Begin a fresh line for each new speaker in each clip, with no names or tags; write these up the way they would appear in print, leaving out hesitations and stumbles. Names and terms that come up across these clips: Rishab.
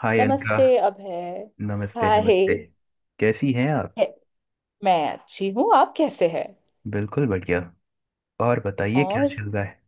हाय अनका।
नमस्ते अभय।
नमस्ते
हाय।
नमस्ते। कैसी हैं आप?
है- मैं अच्छी हूँ। आप कैसे हैं?
बिल्कुल बढ़िया। और बताइए, क्या
और
चल रहा है?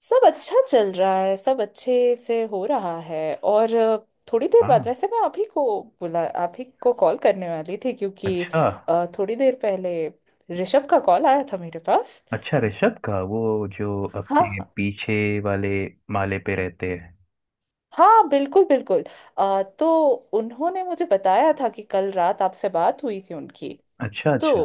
सब अच्छा चल रहा है। सब अच्छे से हो रहा है। और थोड़ी देर
हाँ।
बाद वैसे मैं आप ही को बुला आप ही को कॉल करने वाली थी, क्योंकि
अच्छा,
थोड़ी देर पहले ऋषभ का कॉल आया था मेरे पास।
अच्छा ऋषभ का, वो जो
हाँ
अपने
हाँ।
पीछे वाले माले पे रहते हैं।
हाँ बिल्कुल बिल्कुल। तो उन्होंने मुझे बताया था कि कल रात आपसे बात हुई थी उनकी।
अच्छा
तो
अच्छा।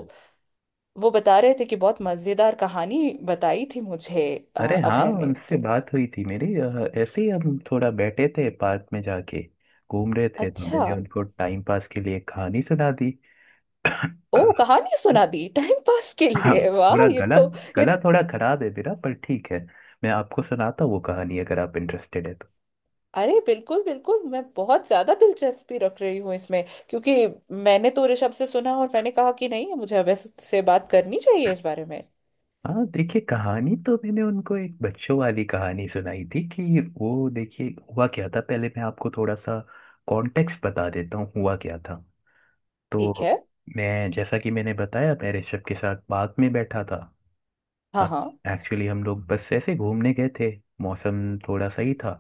वो बता रहे थे कि बहुत मजेदार कहानी बताई थी मुझे
अरे हाँ,
अभय ने
उनसे
तो।
बात हुई थी मेरी। ऐसे ही हम थोड़ा बैठे थे, पार्क में जाके घूम रहे थे, तो
अच्छा।
मैंने उनको टाइम पास के लिए एक कहानी सुना दी।
ओ कहानी सुना दी टाइम पास के
हाँ,
लिए, वाह
थोड़ा
ये
गला
तो ये
गला थोड़ा खराब है मेरा, पर ठीक है। मैं आपको सुनाता हूँ वो कहानी, अगर आप इंटरेस्टेड है तो।
अरे बिल्कुल बिल्कुल मैं बहुत ज्यादा दिलचस्पी रख रही हूँ इसमें, क्योंकि मैंने तो ऋषभ से सुना और मैंने कहा कि नहीं मुझे अभय से बात करनी चाहिए इस बारे में।
हाँ देखिए, कहानी तो मैंने उनको एक बच्चों वाली कहानी सुनाई थी कि वो देखिए, हुआ क्या था। पहले मैं आपको थोड़ा सा कॉन्टेक्स्ट बता देता हूँ, हुआ क्या था।
ठीक
तो
है।
मैं, जैसा कि मैंने बताया, मैं ऋषभ के साथ पार्क में बैठा था।
हाँ हाँ।
एक्चुअली हम लोग बस ऐसे घूमने गए थे। मौसम थोड़ा सही था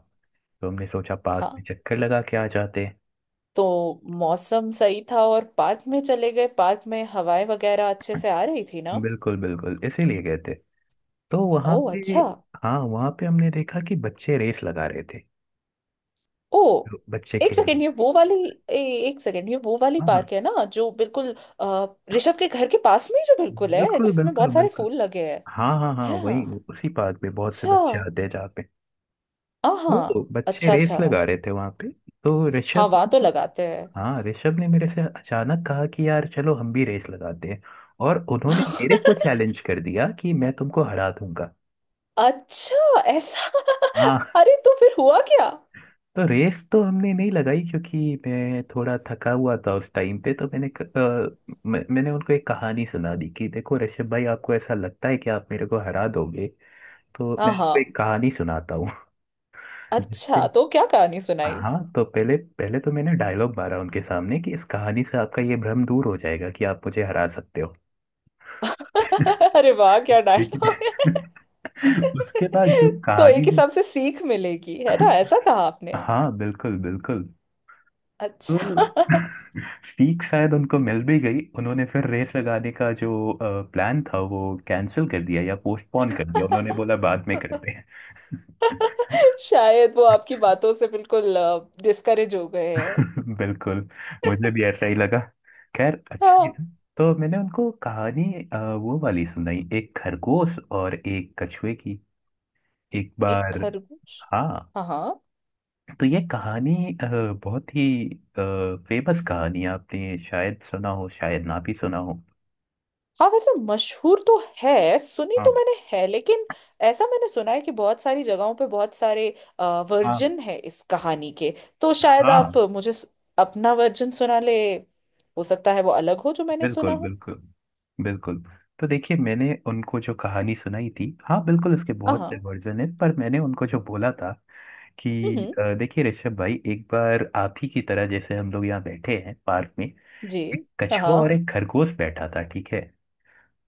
तो हमने सोचा पार्क
हाँ,
में चक्कर लगा के आ जाते हैं।
तो मौसम सही था और पार्क में चले गए। पार्क में हवाएं वगैरह अच्छे से आ रही थी ना?
बिल्कुल बिल्कुल, इसीलिए गए थे। तो
ओ
वहाँ पे,
अच्छा।
हाँ वहाँ पे हमने देखा कि बच्चे रेस लगा रहे थे।
ओ
बच्चे
एक
खेल।
सेकेंड ये वो वाली ए, एक सेकेंड ये वो वाली
हाँ
पार्क
हाँ।
है ना जो बिल्कुल अ, ऋषभ के घर के पास में ही जो बिल्कुल है
बिल्कुल
जिसमें
बिल्कुल
बहुत सारे
बिल्कुल।
फूल लगे हैं।
हाँ हाँ हाँ, वही।
हाँ।
उसी पार्क में बहुत से
अच्छा।
बच्चे आते हैं, जहाँ पे, तो
हाँ
बच्चे
अच्छा
रेस
अच्छा।
लगा रहे थे वहां पे। तो
हाँ
ऋषभ
वहां तो
ने-
लगाते हैं।
हाँ ऋषभ ने मेरे से अचानक कहा कि यार चलो हम भी रेस लगाते हैं, और उन्होंने मेरे को चैलेंज कर दिया कि मैं तुमको हरा दूंगा।
अच्छा ऐसा।
हाँ।
अरे तो फिर हुआ क्या?
तो रेस तो हमने नहीं लगाई, क्योंकि मैं थोड़ा थका हुआ था उस टाइम पे। तो मैंने क- मैं, मैंने उनको एक कहानी सुना दी कि देखो ऋषभ भाई, आपको ऐसा लगता है कि आप मेरे को हरा दोगे, तो
हाँ
मैं
हाँ।
आपको एक कहानी सुनाता हूँ
अच्छा
जिससे।
तो क्या कहानी सुनाई?
हाँ तो, पहले पहले तो मैंने डायलॉग मारा उनके सामने कि इस कहानी से आपका ये भ्रम दूर हो जाएगा कि आप मुझे हरा सकते हो।
अरे वाह क्या
ठीक
डायलॉग है।
है। उसके बाद जो
तो एक
कहानी में,
हिसाब से सीख मिलेगी है ना, ऐसा कहा आपने।
हाँ बिल्कुल बिल्कुल। तो
अच्छा।
सीख शायद उनको मिल भी गई, उन्होंने फिर रेस लगाने का जो प्लान था वो कैंसिल कर दिया या पोस्टपोन कर दिया, उन्होंने बोला बाद में करते हैं।
शायद वो आपकी बातों से बिल्कुल डिस्करेज हो गए हैं।
बिल्कुल, मुझे भी ऐसा ही लगा। खैर अच्छा ही
हाँ
था। तो मैंने उनको कहानी वो वाली सुनाई, एक खरगोश और एक कछुए की। एक
एक
बार,
खरगोश।
हाँ,
हाँ हाँ।
तो ये कहानी अ, बहुत ही फेमस कहानी है, आपने शायद सुना हो, शायद ना भी सुना हो।
हाँ वैसे मशहूर तो है, सुनी तो
हाँ
मैंने है, लेकिन ऐसा मैंने सुना है कि बहुत सारी जगहों पे बहुत सारे
हाँ
वर्जन है इस कहानी के। तो शायद आप
हाँ।
मुझे अपना वर्जन सुना ले। हो सकता है वो अलग हो जो मैंने सुना
बिल्कुल
हो।
बिल्कुल बिल्कुल। तो देखिए, मैंने उनको जो कहानी सुनाई थी, हाँ बिल्कुल इसके
हाँ
बहुत से
हाँ।
वर्जन है, पर मैंने उनको जो बोला था कि
हम्म।
देखिए ऋषभ भाई, एक बार आप ही की तरह, जैसे हम लोग यहाँ बैठे हैं पार्क में,
जी।
एक
हाँ
कछुआ और
हाँ।
एक खरगोश बैठा था, ठीक है।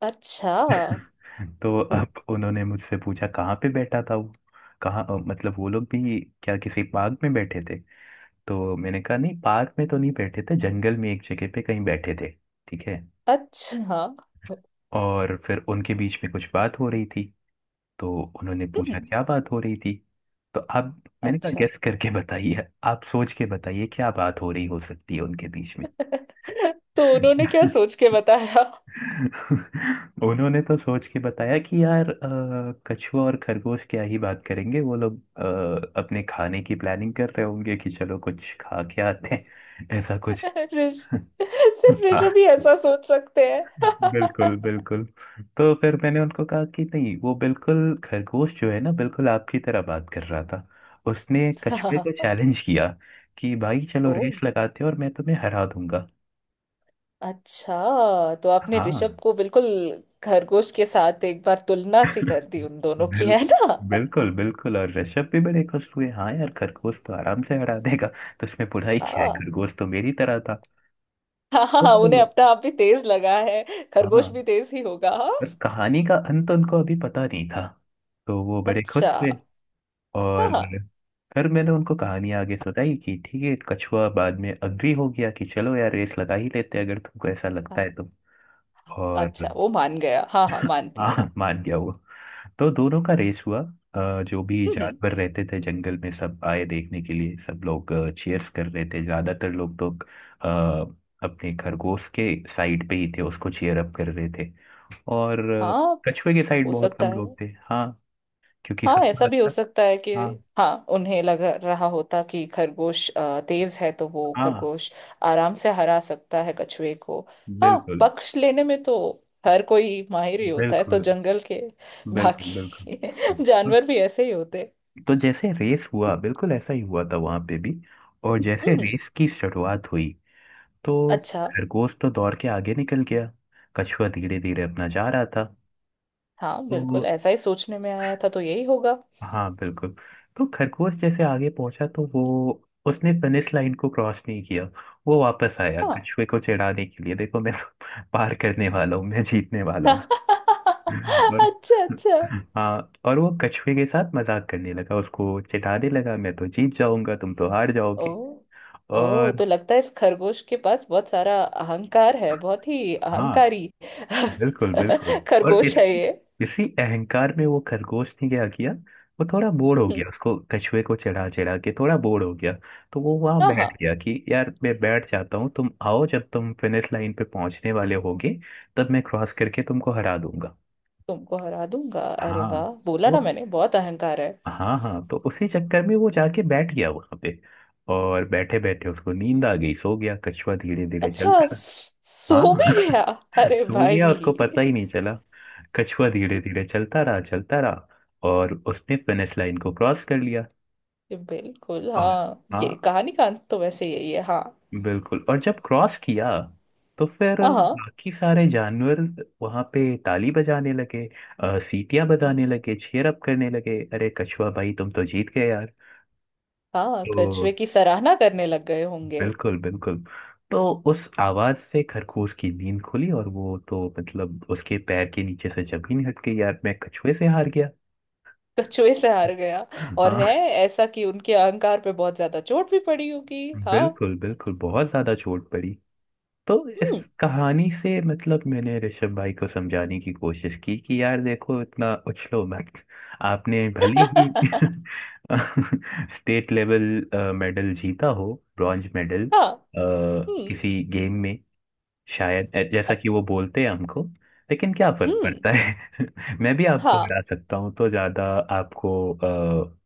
अच्छा
तो अब उन्होंने मुझसे पूछा कहाँ पे बैठा था वो, कहाँ, मतलब वो लोग भी क्या किसी पार्क में बैठे थे। तो मैंने कहा नहीं, पार्क में तो नहीं बैठे थे, जंगल में एक जगह पे कहीं बैठे थे, ठीक है।
अच्छा। हाँ।
और फिर उनके बीच में कुछ बात हो रही थी, तो उन्होंने
हम्म।
पूछा क्या बात हो रही थी। तो आप मैंने कहा
अच्छा
गेस करके बताइए, आप सोच के बताइए क्या बात हो रही हो सकती है उनके बीच में।
तो उन्होंने क्या सोच के बताया?
उन्होंने तो सोच के बताया कि यार कछुआ और खरगोश क्या ही बात करेंगे, वो लोग अपने खाने की प्लानिंग कर रहे होंगे कि चलो कुछ खा के आते हैं, ऐसा कुछ।
ऋष सिर्फ ऋषभ ही ऐसा सोच सकते हैं।
बिल्कुल बिल्कुल। तो फिर मैंने उनको कहा कि नहीं, वो बिल्कुल, खरगोश जो है ना, बिल्कुल आपकी तरह बात कर रहा था, उसने कछुए को
हाँ।
चैलेंज किया कि भाई चलो
ओ
रेस लगाते हैं, और मैं तुम्हें हरा दूंगा।
अच्छा तो आपने ऋषभ
हाँ।
को बिल्कुल खरगोश के साथ एक बार तुलना सी कर दी उन दोनों की,
बिल,
है ना?
बिल्कुल बिल्कुल, और ऋषभ भी बड़े खुश हुए, हाँ यार खरगोश तो आराम से हरा देगा, तो उसमें बुराई क्या है,
हाँ
खरगोश तो मेरी तरह था।
हाँ हाँ। हाँ, उन्हें
तो
अपना आप भी तेज लगा है।
हाँ,
खरगोश भी तेज ही होगा। हाँ।
पर कहानी का अंत उनको अभी पता नहीं था, तो वो बड़े खुश
अच्छा।
हुए।
हाँ
और
हाँ
फिर मैंने उनको कहानी आगे सुनाई कि ठीक है, कछुआ बाद में अग्री हो गया कि चलो यार रेस लगा ही लेते हैं, अगर तुमको ऐसा
हाँ।
लगता है तो। और
अच्छा वो मान गया। हाँ हाँ, मानती हूँ।
हाँ, मान गया वो। तो दोनों का रेस हुआ। जो भी
हम्म हम्म।
जानवर रहते थे जंगल में, सब आए देखने के लिए, सब लोग चीयर्स कर रहे थे। ज्यादातर लोग तो अपने खरगोश के साइड पे ही थे, उसको चीयर अप कर रहे थे। और
हाँ
कछुए के साइड
हो
बहुत
सकता
कम
है।
लोग थे, हाँ, क्योंकि
हाँ
सबको
ऐसा भी हो
लगता।
सकता है कि
हाँ
हाँ उन्हें लग रहा होता कि खरगोश तेज है, तो वो
हाँ।
खरगोश आराम से हरा सकता है कछुए को। हाँ
बिल्कुल
पक्ष लेने में तो हर कोई माहिर ही होता है, तो
बिल्कुल
जंगल के
बिल्कुल बिल्कुल।
बाकी जानवर भी ऐसे ही होते।
तो जैसे रेस हुआ, बिल्कुल ऐसा ही हुआ था वहां पे भी। और जैसे
हम्म।
रेस की शुरुआत हुई, तो
अच्छा।
खरगोश तो दौड़ के आगे निकल गया, कछुआ धीरे धीरे अपना जा रहा था।
हाँ बिल्कुल
तो
ऐसा ही सोचने में आया था, तो यही होगा।
हाँ बिल्कुल। तो खरगोश जैसे आगे पहुंचा, तो वो, उसने फिनिश लाइन को क्रॉस नहीं किया, वो वापस आया
हाँ।
कछुए को चिढ़ाने के लिए, देखो मैं तो पार करने वाला हूँ, मैं जीतने वाला हूँ। और
अच्छा अच्छा।
हाँ, और वो कछुए के साथ मजाक करने लगा, उसको चिढ़ाने लगा, मैं तो जीत जाऊंगा, तुम तो हार
ओ।
जाओगे।
ओ
और
तो लगता है इस खरगोश के पास बहुत सारा अहंकार है, बहुत ही
हाँ
अहंकारी
बिल्कुल बिल्कुल, और
खरगोश
इस
है ये।
इसी अहंकार में वो खरगोश ने क्या किया, वो थोड़ा बोर हो
हम्म।
गया, उसको कछुए को चढ़ा चढ़ा के थोड़ा बोर हो गया। तो वो वहां
हाँ हाँ
बैठ गया कि यार मैं बैठ जाता हूँ, तुम आओ, जब तुम फिनिश लाइन पे पहुंचने वाले होगे, तब मैं क्रॉस करके तुमको हरा दूंगा।
तुमको हरा दूंगा। अरे
हाँ।
वाह, बोला
वो
ना मैंने, बहुत अहंकार है।
हाँ हाँ तो उसी चक्कर में वो जाके बैठ गया वहां पे, और बैठे बैठे उसको नींद आ गई, सो गया। कछुआ धीरे धीरे
अच्छा
चलता, हाँ
सो भी गया।
हाँ,
अरे
सो गया, उसको पता
भाई।
ही नहीं चला। कछुआ धीरे धीरे चलता रहा, चलता रहा, और उसने फिनिश लाइन को क्रॉस कर लिया।
बिल्कुल
और
हाँ, ये
हाँ
कहानी का अंत तो वैसे यही है। हाँ।
बिल्कुल, और जब क्रॉस किया, तो फिर
हाँ
बाकी सारे जानवर वहां पे ताली बजाने लगे, सीटियां बजाने लगे, चीयर अप करने लगे, अरे कछुआ भाई तुम तो जीत गए यार।
हाँ, हाँ, कछुए
तो
की सराहना करने लग गए होंगे।
बिल्कुल बिल्कुल। तो उस आवाज से खरगोश की नींद खुली, और वो तो, मतलब उसके पैर के नीचे से जमीन हट गई, यार मैं कछुए से हार गया।
कछुए से हार गया। और है
हाँ
ऐसा कि उनके अहंकार पे बहुत ज्यादा चोट भी पड़ी होगी हाँ।
बिल्कुल बिल्कुल, बहुत ज्यादा चोट पड़ी। तो
हम्म।
इस कहानी से, मतलब मैंने ऋषभ भाई को समझाने की कोशिश की कि यार देखो इतना उछलो मत, आपने भले ही स्टेट लेवल मेडल जीता हो, ब्रॉन्ज मेडल
हाँ। हम्म।
किसी गेम में, शायद ऐ- जैसा कि
अत-
वो बोलते हैं हमको, लेकिन क्या फर्क
हम्म।
पड़ता है। मैं भी आपको
हाँ
हरा सकता हूँ, तो ज्यादा आपको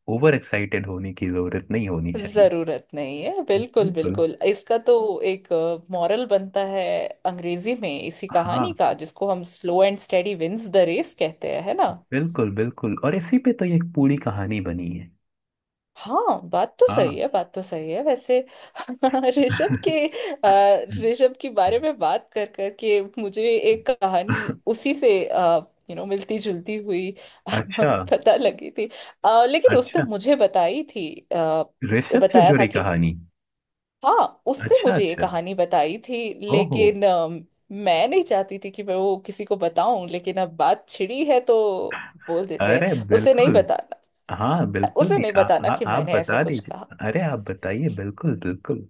ओवर एक्साइटेड होने की जरूरत नहीं होनी चाहिए।
जरूरत नहीं है बिल्कुल
बिल्कुल।
बिल्कुल। इसका तो एक मॉरल बनता है अंग्रेजी में इसी
हाँ
कहानी का, जिसको हम slow and steady wins the race कहते हैं, है ना?
बिल्कुल बिल्कुल, और इसी पे तो ये एक पूरी कहानी बनी है।
हाँ बात तो सही
हाँ।
है, बात तो सही है वैसे। ऋषभ के ऋषभ के बारे में बात कर कर के मुझे एक कहानी उसी से मिलती जुलती हुई
अच्छा
पता लगी थी। लेकिन उसने
अच्छा,
मुझे बताई थी
ऋषभ से
बताया था
जुड़ी
कि
कहानी।
हाँ उसने
अच्छा
मुझे ये
अच्छा।
कहानी बताई थी,
ओहो।
लेकिन मैं नहीं चाहती थी कि मैं वो किसी को बताऊं, लेकिन अब बात छिड़ी है तो बोल देते हैं।
अरे
उसे नहीं
बिल्कुल,
बताना।
हाँ बिल्कुल
उसे
जी,
नहीं
आ,
बताना
आ,
कि
आप
मैंने ऐसा
बता
कुछ कहा।
दीजिए, अरे आप बताइए, बिल्कुल बिल्कुल।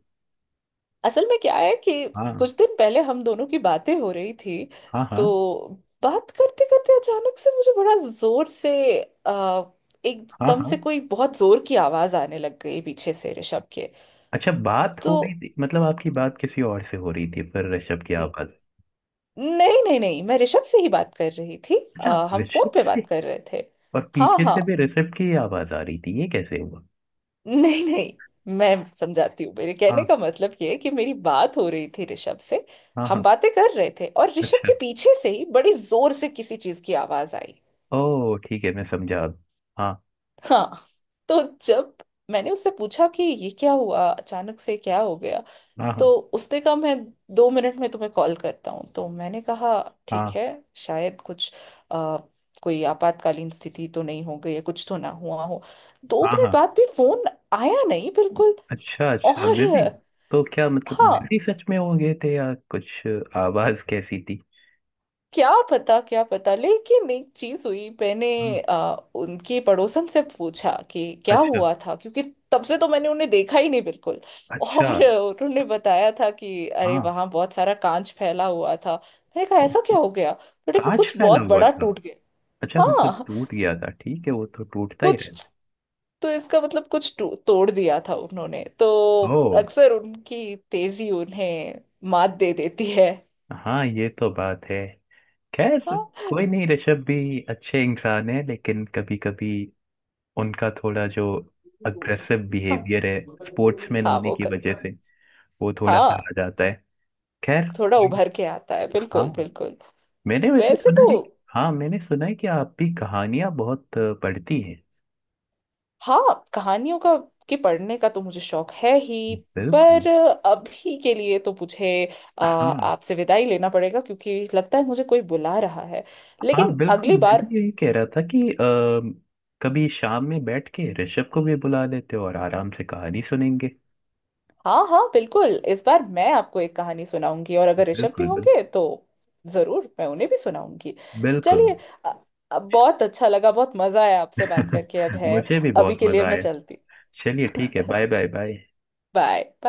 असल में क्या है कि
हाँ
कुछ दिन पहले हम दोनों की बातें हो रही थी।
हाँ। हाँ।
तो बात करते करते अचानक से मुझे बड़ा जोर से आ,
हाँ
एकदम से
हाँ।
कोई बहुत जोर की आवाज आने लग गई पीछे से ऋषभ के।
अच्छा, बात
तो
हो रही थी, मतलब आपकी बात किसी और से हो रही थी पर ऋषभ की
न-
आवाज।
नहीं नहीं नहीं मैं ऋषभ से ही बात कर रही थी।
अच्छा,
हम फोन
ऋषभ
पे बात
से,
कर रहे थे।
और
हाँ
पीछे
हाँ।
से भी ऋषभ की आवाज आ रही थी, ये कैसे हुआ?
नहीं नहीं। मैं समझाती हूँ, मेरे कहने
हाँ
का मतलब ये है कि मेरी बात हो रही थी ऋषभ से।
हाँ।
हम
हाँ।
बातें कर रहे थे और ऋषभ
अच्छा।
के पीछे से ही बड़ी जोर से किसी चीज की आवाज आई।
ओ ठीक है, मैं समझा अब। हाँ।
हाँ। तो जब मैंने उससे पूछा कि ये क्या हुआ, अचानक से क्या हो गया,
हाँ
तो
हाँ।
उसने कहा मैं 2 मिनट में तुम्हें कॉल करता हूँ, तो मैंने कहा ठीक
हाँ
है। शायद कुछ आ, कोई आपातकालीन स्थिति तो नहीं हो गई है, कुछ तो ना हुआ हो। दो
हाँ।
मिनट
हाँ।
बाद भी फोन आया नहीं बिल्कुल।
अच्छा अच्छा,
और
बिजी। तो क्या मतलब
हाँ,
बिजी सच में हो गए थे या कुछ? आवाज कैसी थी?
क्या पता क्या पता, लेकिन एक चीज हुई। मैंने
हम्म।
उनके पड़ोसन से पूछा कि क्या
अच्छा।
हुआ था, क्योंकि तब से तो मैंने उन्हें देखा ही नहीं बिल्कुल।
अच्छा।
और उन्होंने बताया था कि अरे
हाँ।
वहां बहुत सारा कांच फैला हुआ था। मैंने कहा
ओ,
ऐसा क्या हो गया, उन्होंने कहा
कांच
कुछ
फैला
बहुत
हुआ
बड़ा
था।
टूट गया।
अच्छा, मतलब
हाँ।
टूट गया था, ठीक है, वो तो टूटता ही रहता
कुछ
है।
तो इसका मतलब कुछ तोड़ दिया था उन्होंने तो।
ओ।
अक्सर उनकी तेजी उन्हें मात दे देती है।
हाँ, ये तो बात है। खैर, कोई
हाँ
नहीं, ऋषभ भी अच्छे इंसान है, लेकिन कभी कभी उनका थोड़ा जो अग्रेसिव
हाँ
बिहेवियर है, स्पोर्ट्समैन
हाँ
होने
वो
की
कर।
वजह से, वो थोड़ा सा आ
हाँ
जाता है। खैर
थोड़ा
कोई-
उभर के आता है
हाँ,
बिल्कुल बिल्कुल।
मैंने वैसे
वैसे
सुना
तो
है कि- हाँ मैंने सुना है कि आप भी कहानियां बहुत पढ़ती हैं।
हाँ कहानियों का के पढ़ने का तो मुझे शौक है ही।
बिल्कुल।
पर अभी के लिए तो मुझे
हाँ
आपसे विदाई लेना पड़ेगा, क्योंकि लगता है मुझे कोई बुला रहा है,
हाँ
लेकिन
बिल्कुल,
अगली
मैं भी
बार
यही कह रहा था कि कभी शाम में बैठ के ऋषभ को भी बुला लेते और आराम से कहानी सुनेंगे।
हाँ हाँ बिल्कुल, इस बार मैं आपको एक कहानी सुनाऊंगी, और अगर ऋषभ भी
बिल्कुल बिल्कुल।
होंगे तो जरूर मैं उन्हें भी सुनाऊंगी।
बिल्कुल।
चलिए अ- बहुत अच्छा लगा, बहुत मजा आया आपसे बात करके, अब है
मुझे भी
अभी
बहुत
के लिए
मजा
मैं
आया।
चलती।
चलिए ठीक है, bye bye bye.
Bye bye.